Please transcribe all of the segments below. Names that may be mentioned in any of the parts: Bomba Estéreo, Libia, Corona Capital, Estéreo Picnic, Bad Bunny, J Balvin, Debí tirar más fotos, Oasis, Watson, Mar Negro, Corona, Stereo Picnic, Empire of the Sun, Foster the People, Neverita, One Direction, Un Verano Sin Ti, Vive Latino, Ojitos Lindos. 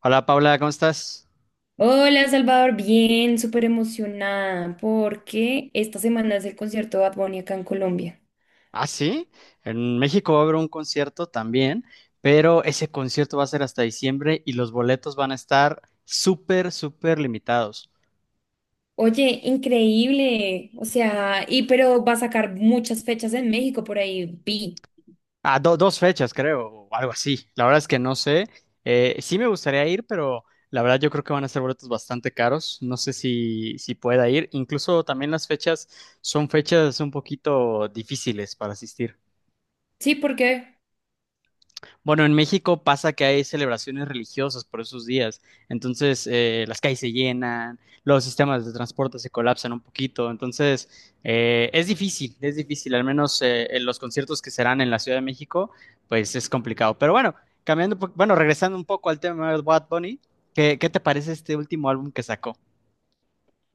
Hola Paula, ¿cómo estás? Hola Salvador, bien, súper emocionada porque esta semana es el concierto de Bad Bunny acá en Colombia. Ah, sí, en México va a haber un concierto también, pero ese concierto va a ser hasta diciembre y los boletos van a estar súper, súper limitados. Oye, increíble, o sea, y pero va a sacar muchas fechas en México por ahí, vi. Ah, dos fechas, creo, o algo así. La verdad es que no sé. Sí me gustaría ir, pero la verdad yo creo que van a ser boletos bastante caros. No sé si pueda ir. Incluso también las fechas son fechas un poquito difíciles para asistir. Sí, ¿por qué? Bueno, en México pasa que hay celebraciones religiosas por esos días, entonces las calles se llenan, los sistemas de transporte se colapsan un poquito, entonces es difícil, al menos en los conciertos que serán en la Ciudad de México, pues es complicado. Pero bueno, cambiando, bueno, regresando un poco al tema de Bad Bunny, ¿ qué te parece este último álbum que sacó?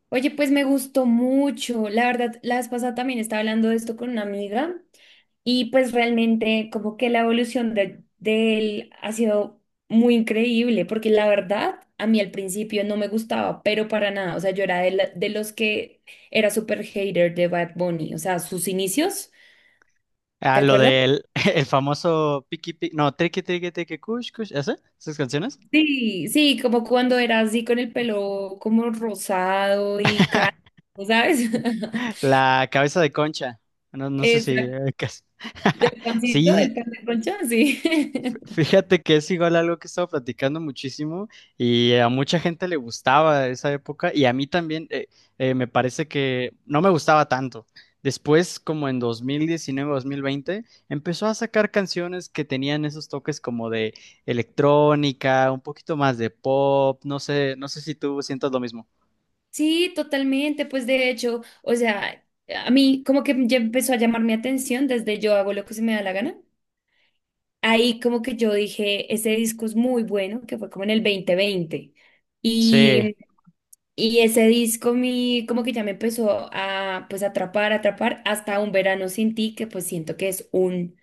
Oye, pues me gustó mucho. La verdad, la vez pasada también estaba hablando de esto con una amiga y pues realmente como que la evolución de él ha sido muy increíble porque la verdad a mí al principio no me gustaba, pero para nada. O sea, yo era de los que era súper hater de Bad Bunny. O sea, sus inicios, Ah, ¿te lo acuerdas? del el famoso Piki Piki, no, Triki Triki Triki Kush Kush, ¿ese? ¿Esas canciones? Sí, sí, como cuando era así con el pelo como rosado y caro, ¿sabes? La cabeza de concha. No, no sé si... Exacto. Del pancito, Sí, del pan de concha, sí. fíjate que es igual algo que he estado platicando muchísimo y a mucha gente le gustaba esa época y a mí también me parece que no me gustaba tanto. Después, como en 2019, 2020, empezó a sacar canciones que tenían esos toques como de electrónica, un poquito más de pop, no sé, no sé si tú sientas lo mismo. Sí, totalmente. Pues de hecho, o sea, a mí como que ya empezó a llamar mi atención desde yo hago lo que se me da la gana. Ahí como que yo dije, ese disco es muy bueno, que fue como en el 2020. Sí, Y, y ese disco, como que ya me empezó a pues atrapar, atrapar, hasta Un Verano Sin Ti, que pues siento que es un,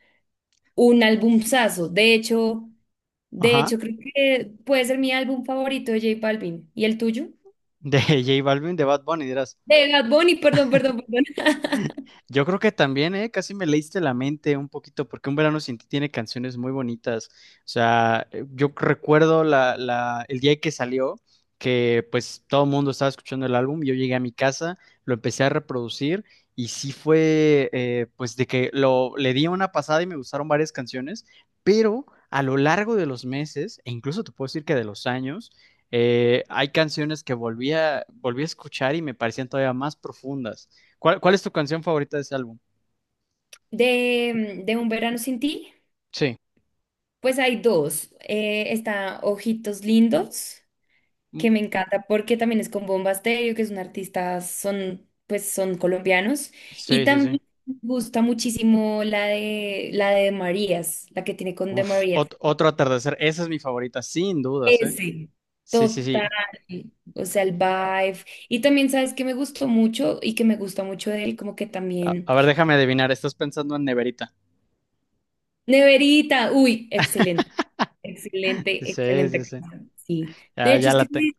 un albumzazo. De hecho, de ajá, hecho, creo que puede ser mi álbum favorito de J Balvin. ¿Y el tuyo? de J Balvin, de Bad Bunny, dirás. De Bad Bunny, perdón, perdón, perdón. Yo creo que también, ¿eh? Casi me leíste la mente un poquito, porque Un Verano Sin Ti tiene canciones muy bonitas. O sea, yo recuerdo el día que salió, que pues todo el mundo estaba escuchando el álbum, yo llegué a mi casa, lo empecé a reproducir y sí fue, pues de que le di una pasada y me gustaron varias canciones, pero a lo largo de los meses, e incluso te puedo decir que de los años, hay canciones que volví a escuchar y me parecían todavía más profundas. ¿ cuál es tu canción favorita de ese álbum? De Un Verano Sin Ti, Sí, pues hay dos. Está Ojitos Lindos, mm, que me encanta porque también es con Bomba Estéreo, que es un artista, pues son colombianos. Y sí, sí, sí. también me gusta muchísimo la de Marías, la que tiene con De Uf, Marías. Otro atardecer. Esa es mi favorita, sin dudas, ¿eh? Ese. Sí, sí, sí. Total. O sea, el vibe. Y también, ¿sabes qué me gustó mucho y que me gusta mucho de él? Como que A, también... a ver, déjame adivinar. Estás pensando en Neverita. Neverita, uy, excelente. Excelente, Sí, excelente sí, sí. canción. Sí. De Ya, hecho, ya es la que tengo.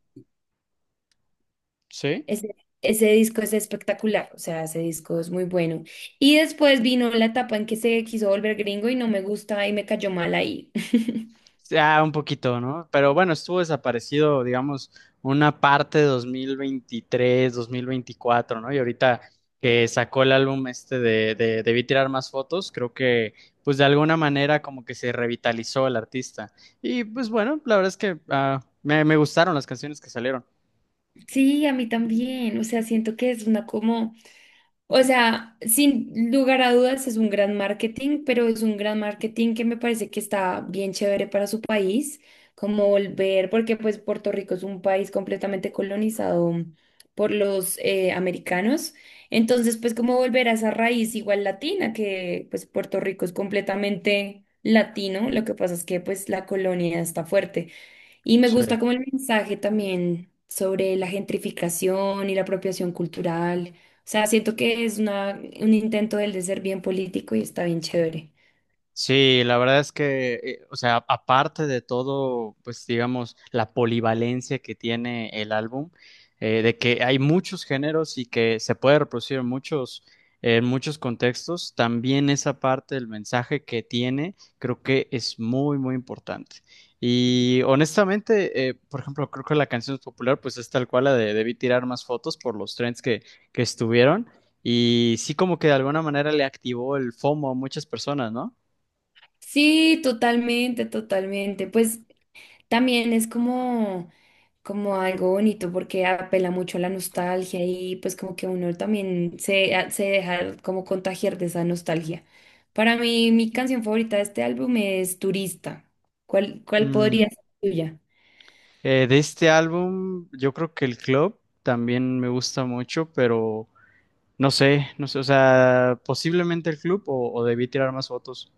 ¿Sí? ese, ese ese disco es espectacular. O sea, ese disco es muy bueno. Y después vino la etapa en que se quiso volver gringo y no me gusta y me cayó mal ahí. Ya, un poquito, ¿no? Pero bueno, estuvo desaparecido, digamos, una parte de 2023, 2024, ¿no? Y ahorita que sacó el álbum este de Debí tirar más fotos, creo que pues de alguna manera como que se revitalizó el artista. Y pues bueno, la verdad es que ah, me gustaron las canciones que salieron. Sí, a mí también. O sea, siento que es una como. O sea, sin lugar a dudas es un gran marketing, pero es un gran marketing que me parece que está bien chévere para su país, como volver, porque pues Puerto Rico es un país completamente colonizado por los americanos, entonces pues como volver a esa raíz igual latina, que pues Puerto Rico es completamente latino, lo que pasa es que pues la colonia está fuerte. Y me Sí. gusta como el mensaje también sobre la gentrificación y la apropiación cultural. O sea, siento que es un intento del de ser bien político y está bien chévere. Sí, la verdad es que, o sea, aparte de todo, pues digamos, la polivalencia que tiene el álbum, de que hay muchos géneros y que se puede reproducir en muchos contextos, también esa parte del mensaje que tiene, creo que es muy, muy importante. Y honestamente, por ejemplo, creo que la canción popular, pues es tal cual la de Debí tirar más fotos por los trends que estuvieron. Y sí, como que de alguna manera le activó el FOMO a muchas personas, ¿no? Sí, totalmente, totalmente. Pues también es como algo bonito porque apela mucho a la nostalgia y pues como que uno también se deja como contagiar de esa nostalgia. Para mí, mi canción favorita de este álbum es Turista. ¿Cuál Mm, podría ser tuya? De este álbum, yo creo que el Club también me gusta mucho, pero no sé, no sé, o sea, posiblemente el Club o debí tirar más fotos.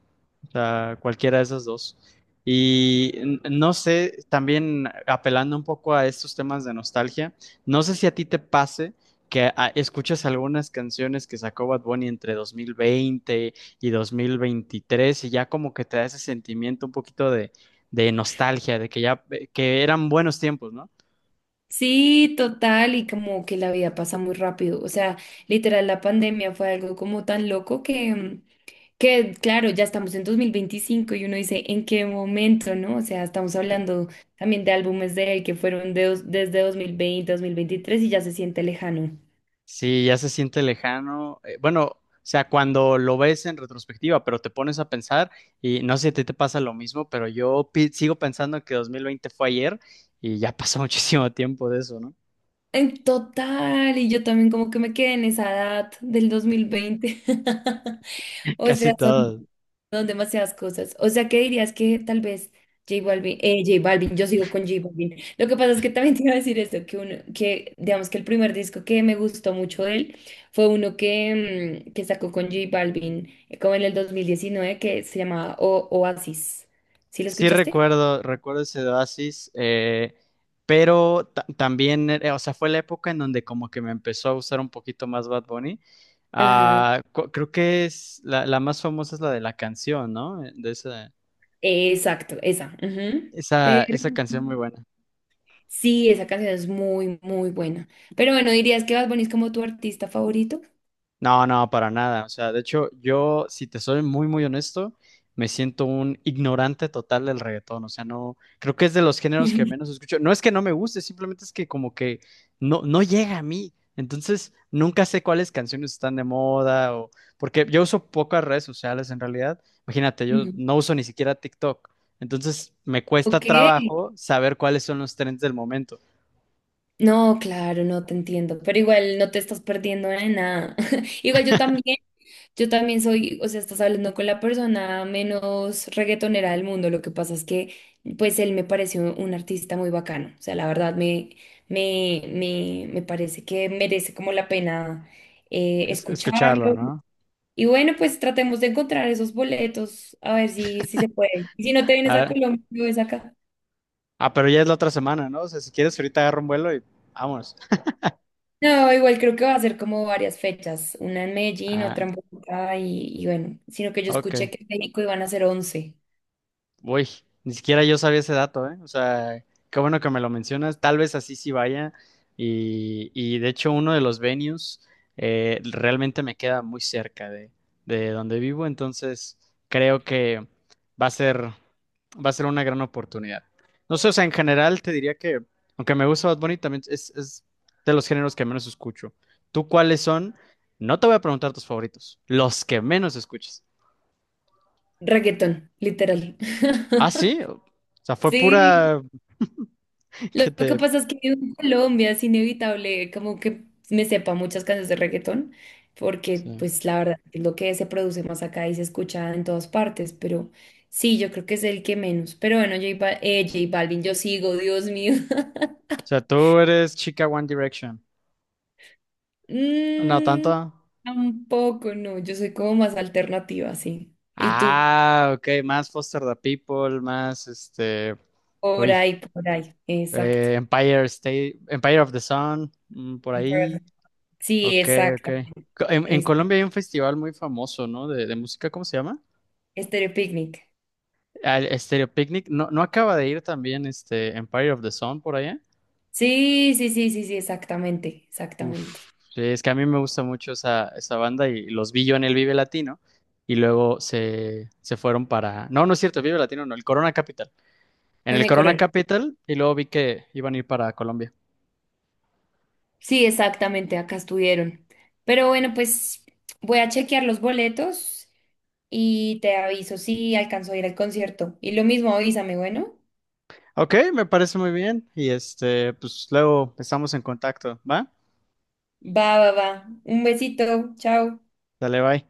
O sea, cualquiera de esas dos. Y no sé, también apelando un poco a estos temas de nostalgia, no sé si a ti te pase que ah, escuchas algunas canciones que sacó Bad Bunny entre 2020 y 2023 y ya como que te da ese sentimiento un poquito de nostalgia, de que ya, que eran buenos tiempos, ¿no? Sí, total, y como que la vida pasa muy rápido. O sea, literal, la pandemia fue algo como tan loco que claro, ya estamos en 2025 y uno dice, ¿en qué momento, no? O sea, estamos hablando también de álbumes de él que fueron desde 2020, 2023 y ya se siente lejano. Sí, ya se siente lejano. Bueno, o sea, cuando lo ves en retrospectiva, pero te pones a pensar y no sé si a ti te pasa lo mismo, pero sigo pensando que 2020 fue ayer y ya pasó muchísimo tiempo de eso, ¿no? En total, y yo también como que me quedé en esa edad del 2020. O Casi sea, todo. son demasiadas cosas. O sea, ¿qué dirías que tal vez J Balvin, J Balvin, yo sigo con J Balvin. Lo que pasa es que también te iba a decir esto, que uno, que digamos que el primer disco que me gustó mucho de él fue uno que sacó con J Balvin, como en el 2019, que se llamaba Oasis. ¿Sí lo Sí escuchaste? recuerdo, recuerdo ese de oasis, pero también, o sea, fue la época en donde como que me empezó a gustar un poquito más Bad Bunny. Ajá. Ah, creo que es la más famosa es la de la canción, ¿no? De esa, Exacto, esa. Ujú. esa, Pero esa canción muy buena. sí, esa canción es muy, muy buena. Pero bueno, ¿dirías que Bad Bunny es como tu artista favorito? No, no, para nada. O sea, de hecho, yo, si te soy muy, muy honesto, me siento un ignorante total del reggaetón. O sea, no, creo que es de los géneros que menos escucho. No es que no me guste, simplemente es que como que no, no llega a mí. Entonces, nunca sé cuáles canciones están de moda o porque yo uso pocas redes sociales en realidad. Imagínate, yo Ujú. no uso ni siquiera TikTok. Entonces, me cuesta Ok. trabajo saber cuáles son los trends del momento, No, claro, no te entiendo, pero igual no te estás perdiendo de nada. Igual yo también soy, o sea, estás hablando con la persona menos reggaetonera del mundo. Lo que pasa es que, pues, él me pareció un artista muy bacano. O sea, la verdad me parece que merece como la pena escucharlo, escucharlo. ¿no? Y bueno, pues tratemos de encontrar esos boletos, a ver si se puede. Y si no te vienes a Colombia, lo ves acá. Ah, pero ya es la otra semana, ¿no? O sea, si quieres, ahorita agarro un vuelo y vámonos. No, igual creo que va a ser como varias fechas, una en Medellín, Ah, otra en Bogotá y bueno, sino que yo ok. escuché que en México iban a ser 11. Uy, ni siquiera yo sabía ese dato, ¿eh? O sea, qué bueno que me lo mencionas. Tal vez así sí vaya. Y de hecho, uno de los venues realmente me queda muy cerca de donde vivo. Entonces, creo que va a ser, va a ser una gran oportunidad. No sé, o sea, en general te diría que, aunque me gusta Bad Bunny, también es de los géneros que menos escucho. ¿Tú cuáles son? No te voy a preguntar tus favoritos, los que menos escuchas. Reggaetón, literal. Ah, sí. O sea, fue Sí, pura lo Que que te... pasa es que vivo en Colombia, es inevitable como que me sepa muchas canciones de reggaetón, porque sí. pues la verdad es lo que se produce más acá y se escucha en todas partes, pero sí, yo creo que es el que menos. Pero bueno, J Balvin, yo sigo, Dios mío. O sea, tú eres chica One Direction. No Mm, tanto. tampoco, no. Yo soy como más alternativa, sí. Y tú, Ah, ok, más Foster the People, más este... por Uy, ahí, por ahí. Exacto. Empire State, Empire of the Sun, mm, por Por- ahí. Sí, Ok, ok. exacto. En Es- Colombia hay un festival muy famoso, ¿no? De música, ¿cómo se llama? Estéreo Picnic. Al Stereo Picnic. ¿No, no acaba de ir también este Empire of the Sun por allá? Sí, sí, sí, sí, sí, exactamente, exactamente. Uf, sí, es que a mí me gusta mucho esa, esa banda y los vi yo en el Vive Latino y luego se fueron para... No, no es cierto, el Vive Latino no, el Corona Capital. En En el el Corona Corona. Capital y luego vi que iban a ir para Colombia. Sí, exactamente, acá estuvieron. Pero bueno, pues voy a chequear los boletos y te aviso si alcanzo a ir al concierto. Y lo mismo, avísame, bueno. Ok, me parece muy bien y este, pues luego estamos en contacto, ¿va? Va, va, va. Un besito, chao. Dale, bye.